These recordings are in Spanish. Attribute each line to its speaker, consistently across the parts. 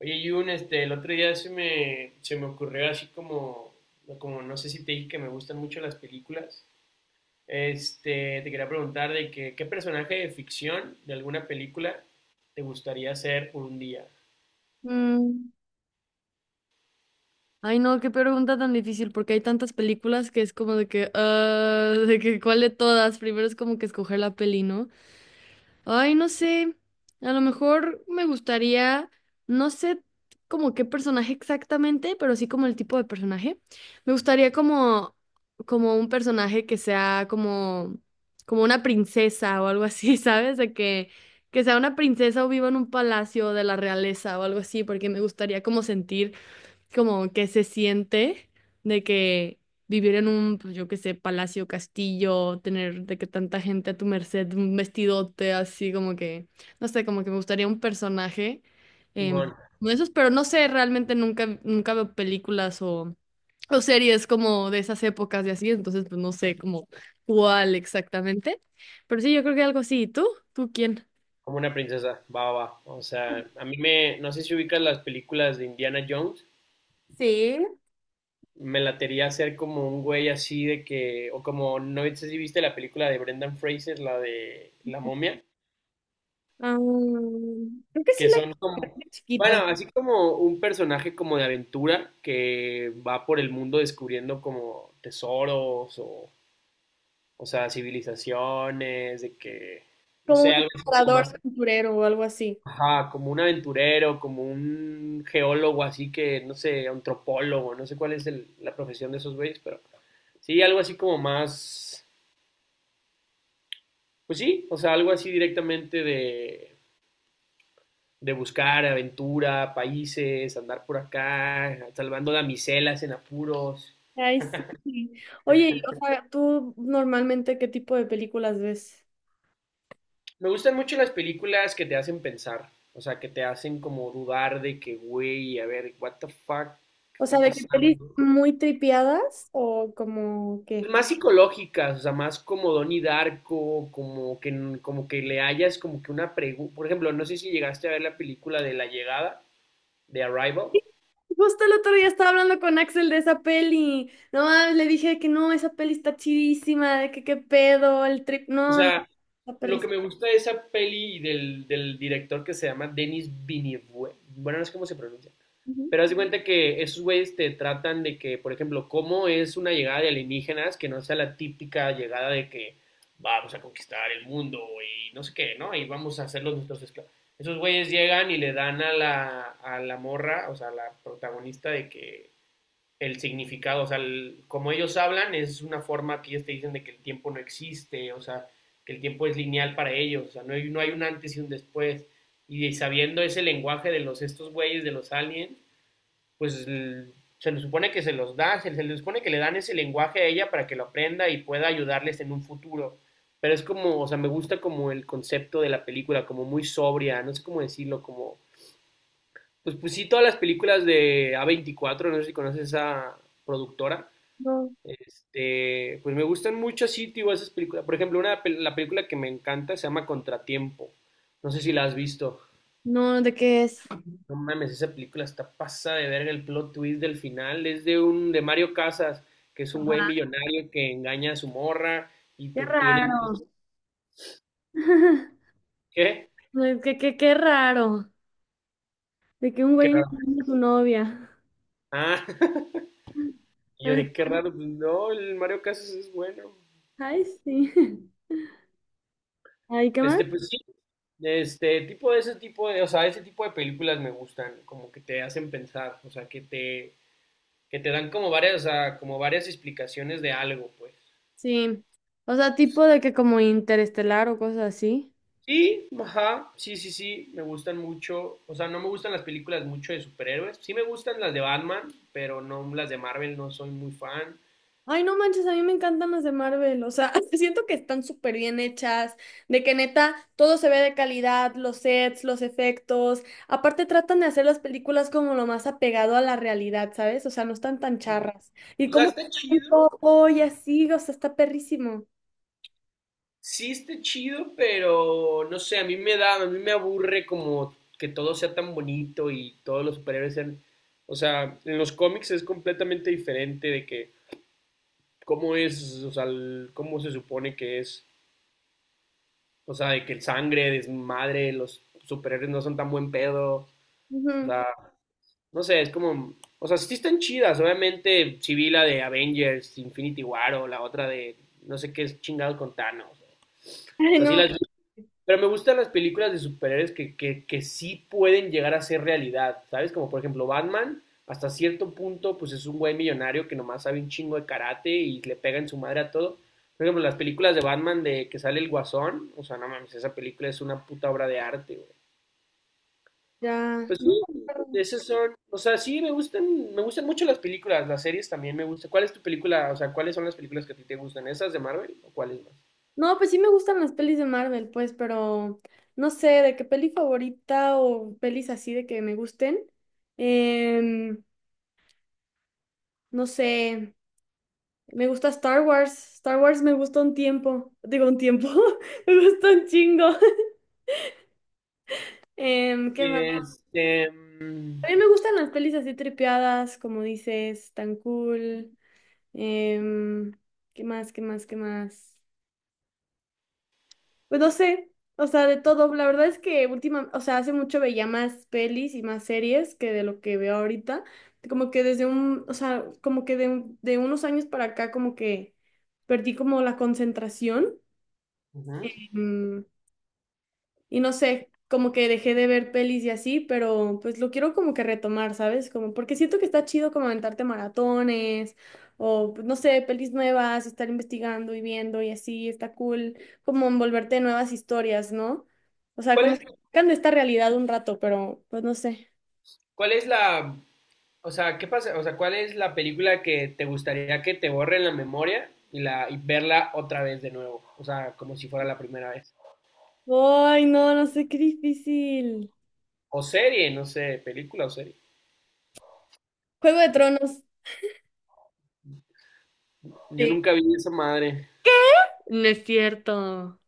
Speaker 1: Oye, Jun, el otro día se me ocurrió así como, como no sé si te dije que me gustan mucho las películas. Te quería preguntar de que, qué personaje de ficción de alguna película te gustaría ser por un día.
Speaker 2: Mm, Ay, no, qué pregunta tan difícil, porque hay tantas películas que es como de que, ah, de que cuál de todas, primero es como que escoger la peli, ¿no? Ay, no sé, a lo mejor me gustaría, no sé como qué personaje exactamente, pero sí como el tipo de personaje. Me gustaría como, como, un personaje que sea como una princesa o algo así, ¿sabes? De que sea una princesa o viva en un palacio de la realeza o algo así, porque me gustaría como sentir como que se siente de que vivir en un, pues, yo qué sé, palacio, castillo, tener de que tanta gente a tu merced, un vestidote así como que, no sé, como que me gustaría un personaje em,
Speaker 1: Simón,
Speaker 2: de esos, pero no sé, realmente nunca, nunca veo películas o series como de esas épocas y así, entonces pues no sé como cuál exactamente, pero sí, yo creo que algo así. ¿Y tú? ¿Tú quién?
Speaker 1: como una princesa, va, va, va. O sea, a mí me, no sé si ubicas las películas de Indiana Jones, me latería hacer como un güey así de que, o como, no sé si viste la película de Brendan Fraser, la de La momia.
Speaker 2: Ah, creo que sí
Speaker 1: Que
Speaker 2: la
Speaker 1: son
Speaker 2: era
Speaker 1: como, bueno,
Speaker 2: chiquita.
Speaker 1: así como un personaje como de aventura que va por el mundo descubriendo como tesoros o sea, civilizaciones, de que, no
Speaker 2: Como
Speaker 1: sé,
Speaker 2: un
Speaker 1: algo así como
Speaker 2: explorador
Speaker 1: más,
Speaker 2: aventurero o algo así.
Speaker 1: ajá, como un aventurero, como un geólogo así que, no sé, antropólogo, no sé cuál es la profesión de esos güeyes, pero sí, algo así como más, pues sí, o sea, algo así directamente de buscar aventura, países, andar por acá, salvando damiselas en apuros.
Speaker 2: Ay, sí. Oye, y, o sea, ¿tú normalmente qué tipo de películas ves?
Speaker 1: Me gustan mucho las películas que te hacen pensar, o sea, que te hacen como dudar de que, güey, a ver, what the fuck, ¿qué
Speaker 2: O sea,
Speaker 1: está
Speaker 2: ¿de qué pelis
Speaker 1: pasando?
Speaker 2: muy tripiadas o como qué?
Speaker 1: Más psicológicas, o sea, más como Donnie Darko, como que le hayas como que una pregunta. Por ejemplo, no sé si llegaste a ver la película de La Llegada, de Arrival.
Speaker 2: Justo el otro día estaba hablando con Axel de esa peli. No, mames, le dije que no, esa peli está chidísima, de que qué pedo, el trip.
Speaker 1: O
Speaker 2: No, no,
Speaker 1: sea,
Speaker 2: la
Speaker 1: lo que
Speaker 2: perris-
Speaker 1: me gusta de esa peli y del director que se llama Denis Villeneuve, bueno, no sé cómo se pronuncia,
Speaker 2: Ujú.
Speaker 1: pero haz de cuenta que esos güeyes te tratan de que, por ejemplo, cómo es una llegada de alienígenas que no sea la típica llegada de que vamos a conquistar el mundo y no sé qué, ¿no? Y vamos a hacerlos nuestros esclavos. Esos güeyes llegan y le dan a la morra, o sea, a la protagonista de que el significado, o sea, como ellos hablan es una forma que ellos te dicen de que el tiempo no existe, o sea, que el tiempo es lineal para ellos, o sea, no hay un antes y un después. Y sabiendo ese lenguaje de los estos güeyes, de los aliens, pues l- se les supone que se los da, se le supone que le dan ese lenguaje a ella para que lo aprenda y pueda ayudarles en un futuro. Pero es como, o sea, me gusta como el concepto de la película, como muy sobria, no sé cómo decirlo, como... Pues, pues sí, todas las películas de A24, no sé si conoces a esa productora,
Speaker 2: No,
Speaker 1: pues me gustan mucho así, tío, esas películas. Por ejemplo, una, la película que me encanta se llama Contratiempo. No sé si la has visto.
Speaker 2: no, ¿de qué es?
Speaker 1: No mames, esa película está pasada de verga el plot twist del final. Es de un, de Mario Casas, que es un güey
Speaker 2: Ajá.
Speaker 1: millonario que engaña a su morra y
Speaker 2: Qué
Speaker 1: tú y
Speaker 2: raro.
Speaker 1: dices, ¿qué?
Speaker 2: No, Qué raro. De que un
Speaker 1: Qué
Speaker 2: güey no
Speaker 1: raro.
Speaker 2: tiene su novia.
Speaker 1: Ah, y yo
Speaker 2: Ay,
Speaker 1: de qué raro. Pues, no, el Mario Casas es bueno.
Speaker 2: ay, sí. Ay, ¿qué más?
Speaker 1: Este, pues sí. Este tipo de ese tipo de, o sea, ese tipo de películas me gustan, como que te hacen pensar, o sea, que te dan como varias, o sea, como varias explicaciones de algo, pues.
Speaker 2: Sí. O sea, tipo de que como Interestelar o cosas así.
Speaker 1: Sí, ajá, sí, sí, sí, me gustan mucho, o sea, no me gustan las películas mucho de superhéroes, sí me gustan las de Batman, pero no las de Marvel, no soy muy fan.
Speaker 2: Ay, no manches, a mí me encantan las de Marvel. O sea, siento que están súper bien hechas. De que neta, todo se ve de calidad, los sets, los efectos. Aparte, tratan de hacer las películas como lo más apegado a la realidad, ¿sabes? O sea, no están tan charras. Y
Speaker 1: O sea,
Speaker 2: como
Speaker 1: está chido,
Speaker 2: todo y así, o sea, está perrísimo.
Speaker 1: sí está chido, pero no sé, a mí me da, a mí me aburre como que todo sea tan bonito y todos los superhéroes sean, o sea, en los cómics es completamente diferente de que cómo es, o sea, cómo se supone que es. O sea, de que el sangre, desmadre, los superhéroes no son tan buen pedo. O
Speaker 2: Ujú.
Speaker 1: sea, no sé, es como. O sea, sí están chidas. Obviamente, sí vi la de Avengers, Infinity War o la otra de no sé qué es chingado con Thanos. O
Speaker 2: Ay,
Speaker 1: sea, sí
Speaker 2: no.
Speaker 1: las vi, pero me gustan las películas de superhéroes que sí pueden llegar a ser realidad, ¿sabes? Como por ejemplo Batman, hasta cierto punto, pues es un güey millonario que nomás sabe un chingo de karate y le pega en su madre a todo. Por ejemplo, las películas de Batman de que sale el Guasón, o sea, no mames, esa película es una puta obra de arte, güey.
Speaker 2: Ya.
Speaker 1: Pues
Speaker 2: No.
Speaker 1: sí, esas son, o sea, sí me gustan mucho las películas, las series también me gustan. ¿Cuál es tu película, o sea, cuáles son las películas que a ti te gustan? ¿Esas de Marvel o cuáles más?
Speaker 2: No, pues sí me gustan las pelis de Marvel, pues, pero no sé de qué peli favorita o pelis así de que me gusten. Em, no sé, me gusta Star Wars. Star Wars me gusta un tiempo, digo un tiempo, me gusta un chingo. ¿Qué más?
Speaker 1: Este, mm,
Speaker 2: También me gustan las pelis así tripeadas, como dices, tan cool. Em, ¿qué más? ¿Qué más? ¿Qué más? Pues no sé, o sea, de todo. La verdad es que última, o sea, hace mucho veía más pelis y más series que de lo que veo ahorita. Como que desde un, o sea, como que de, de unos años para acá, como que perdí como la concentración.
Speaker 1: ujú.
Speaker 2: Mm, y no sé, como que dejé de ver pelis y así, pero pues lo quiero como que retomar, ¿sabes? Como porque siento que está chido como aventarte maratones o pues, no sé, pelis nuevas, estar investigando y viendo y así, está cool, como envolverte en nuevas historias, ¿no? O sea,
Speaker 1: ¿Cuál
Speaker 2: como
Speaker 1: es
Speaker 2: que esta realidad un rato, pero pues no sé.
Speaker 1: ¿Cuál es la, o sea, qué pasa, o sea, cuál es la película que te gustaría que te borren la memoria y la y verla otra vez de nuevo? O sea, como si fuera la primera vez.
Speaker 2: Ay, no, no sé, qué difícil.
Speaker 1: O serie, no sé, película o serie.
Speaker 2: Juego de Tronos.
Speaker 1: Yo
Speaker 2: Sí.
Speaker 1: nunca vi esa madre.
Speaker 2: No es cierto.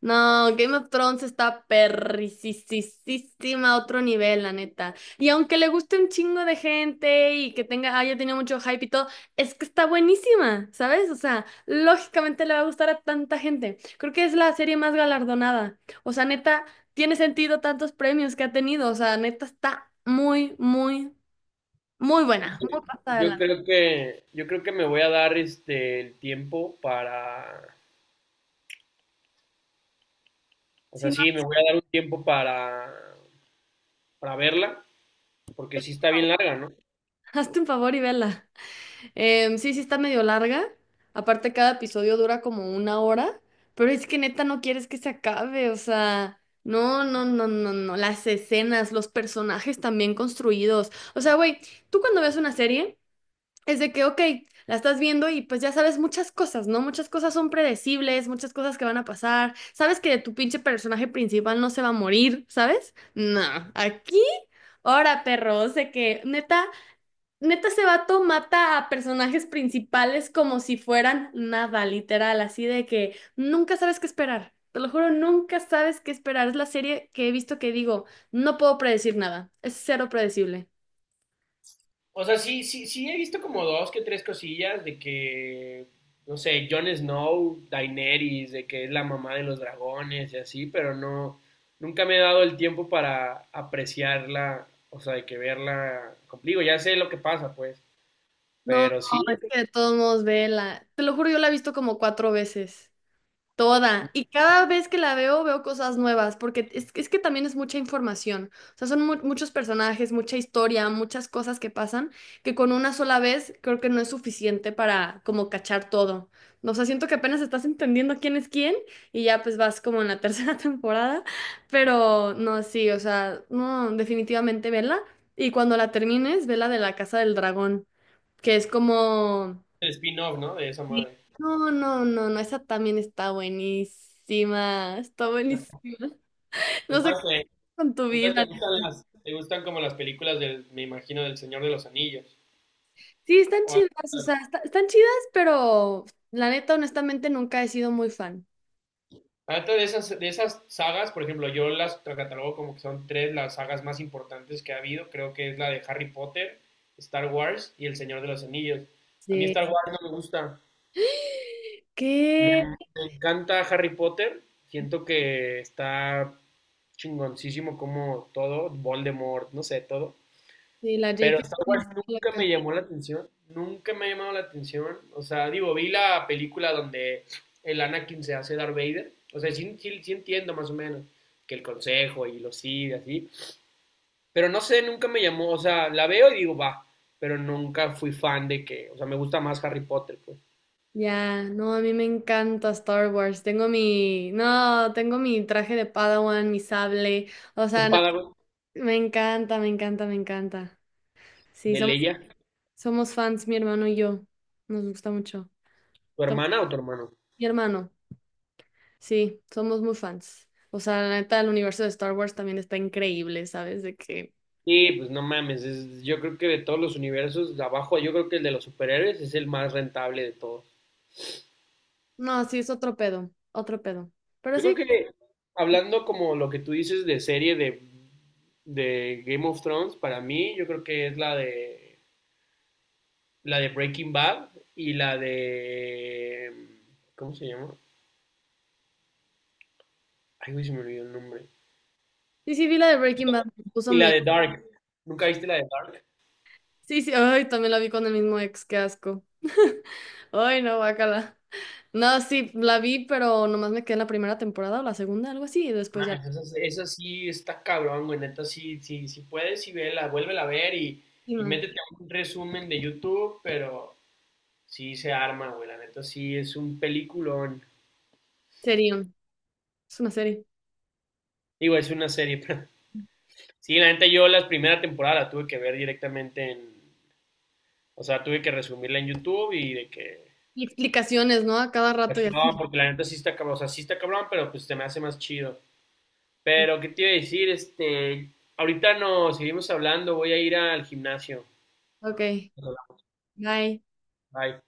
Speaker 2: No, Game of Thrones está perricisísima a otro nivel, la neta. Y aunque le guste un chingo de gente y que tenga, haya tenido mucho hype y todo, es que está buenísima, ¿sabes? O sea, lógicamente le va a gustar a tanta gente. Creo que es la serie más galardonada. O sea, neta, tiene sentido tantos premios que ha tenido. O sea, neta, está muy, muy, muy buena. Muy pasada de
Speaker 1: Yo
Speaker 2: lanza.
Speaker 1: creo que yo creo que me voy a dar el tiempo para, o
Speaker 2: Si
Speaker 1: sea,
Speaker 2: no,
Speaker 1: sí, me voy a dar un tiempo para verla, porque sí está bien larga, ¿no?
Speaker 2: hazte un favor y vela. Sí, sí está medio larga. Aparte, cada episodio dura como una hora. Pero es que neta no quieres que se acabe. O sea, no, no, no, no, no. Las escenas, los personajes también construidos. O sea, güey, tú cuando ves una serie, es de que, ok, la estás viendo y pues ya sabes muchas cosas, ¿no? Muchas cosas son predecibles, muchas cosas que van a pasar. Sabes que tu pinche personaje principal no se va a morir, ¿sabes? No, aquí. Ahora, perro sé que neta. Neta, ese vato mata a personajes principales como si fueran nada, literal, así de que nunca sabes qué esperar. Te lo juro, nunca sabes qué esperar. Es la serie que he visto que digo, no puedo predecir nada. Es cero predecible.
Speaker 1: O sea, sí, sí, sí he visto como dos que tres cosillas de que, no sé, Jon Snow, Daenerys, de que es la mamá de los dragones y así, pero no, nunca me he dado el tiempo para apreciarla, o sea, de que verla conmigo, ya sé lo que pasa, pues,
Speaker 2: No,
Speaker 1: pero sí,
Speaker 2: es que de todos modos, vela. Te lo juro, yo la he visto como cuatro veces. Toda. Y cada vez que la veo, veo cosas nuevas, porque es que también es mucha información. O sea, son muchos personajes, mucha historia, muchas cosas que pasan, que con una sola vez creo que no es suficiente para como cachar todo. O sea, siento que apenas estás entendiendo quién es quién y ya pues vas como en la tercera temporada, pero no, sí, o sea, no, definitivamente vela. Y cuando la termines, vela de la Casa del Dragón, que es como.
Speaker 1: el spin-off, ¿no? De esa
Speaker 2: Sí.
Speaker 1: madre.
Speaker 2: No, no, no, no, esa también está buenísima, está buenísima. No sé qué
Speaker 1: Entonces,
Speaker 2: haces con tu
Speaker 1: entonces
Speaker 2: vida,
Speaker 1: te gustan
Speaker 2: neta.
Speaker 1: las, te gustan como las películas del, me imagino, del Señor de los Anillos.
Speaker 2: Sí, están chidas, o sea, están chidas, pero la neta, honestamente, nunca he sido muy fan.
Speaker 1: Ahorita de esas sagas, por ejemplo, yo las catalogo como que son tres las sagas más importantes que ha habido. Creo que es la de Harry Potter, Star Wars y El Señor de los Anillos. A mí Star Wars
Speaker 2: Sí.
Speaker 1: no me gusta. Me,
Speaker 2: ¿Qué?
Speaker 1: me encanta Harry Potter. Siento que está chingoncísimo como todo, Voldemort, no sé, todo.
Speaker 2: Sí, la
Speaker 1: Pero
Speaker 2: J.K.
Speaker 1: Star
Speaker 2: Rowling
Speaker 1: Wars
Speaker 2: está
Speaker 1: nunca
Speaker 2: loca.
Speaker 1: me llamó la atención, nunca me ha llamado la atención. O sea, digo, vi la película donde el Anakin se hace Darth Vader. O sea, sí, sí, sí entiendo más o menos que el consejo y lo sigue así. Pero no sé, nunca me llamó. O sea, la veo y digo, va. Pero nunca fui fan de que. O sea, me gusta más Harry Potter, pues.
Speaker 2: Ya, no, a mí me encanta Star Wars. Tengo mi, no, tengo mi traje de Padawan, mi sable. O
Speaker 1: ¿Tu
Speaker 2: sea,
Speaker 1: padre
Speaker 2: me encanta, me encanta, me encanta. Sí,
Speaker 1: de
Speaker 2: somos
Speaker 1: Leia?
Speaker 2: Somos fans, mi hermano y yo. Nos gusta mucho.
Speaker 1: ¿Tu
Speaker 2: Tom-
Speaker 1: hermana o tu hermano?
Speaker 2: Mi hermano, sí, somos muy fans. O sea, la neta, el universo de Star Wars también está increíble, ¿sabes? De que.
Speaker 1: Sí, pues no mames. Es- yo creo que de todos los universos, de abajo, yo creo que el de los superhéroes es el más rentable de todos.
Speaker 2: No, sí, es otro pedo, otro pedo. Pero
Speaker 1: Yo creo
Speaker 2: sí,
Speaker 1: que hablando como lo que tú dices de serie de Game of Thrones, para mí yo creo que es la de Breaking Bad y la de ¿cómo se llama? Ay, güey, se me olvidó el nombre.
Speaker 2: sí, sí, vi la de Breaking Bad, me puso
Speaker 1: Y la
Speaker 2: mi.
Speaker 1: de Dark. ¿Nunca viste la de Dark?
Speaker 2: Sí, sí, ay, también la vi con el mismo ex, qué asco. Ay, no, guácala. No, sí, la vi, pero nomás me quedé en la primera temporada o la segunda, algo así, y
Speaker 1: No
Speaker 2: después ya
Speaker 1: mames,
Speaker 2: la
Speaker 1: esa sí está cabrón, güey. Neta, sí, sí, sí puedes y vela, vuélvela a ver y
Speaker 2: última.
Speaker 1: métete a un resumen de YouTube, pero sí se arma, güey. La neta, sí es un peliculón.
Speaker 2: Serión, es una serie.
Speaker 1: Digo, es una serie, pero sí, la neta yo la primera temporada la tuve que ver directamente en, o sea, tuve que resumirla en YouTube y de que,
Speaker 2: Y explicaciones, ¿no? A cada rato y
Speaker 1: no,
Speaker 2: así.
Speaker 1: porque la neta sí está cabrón, o sea, sí está cabrón, pero pues se me hace más chido. Pero, ¿qué te iba a decir? Este, ahorita no, seguimos hablando, voy a ir al gimnasio.
Speaker 2: Ok. Bye.
Speaker 1: Bye.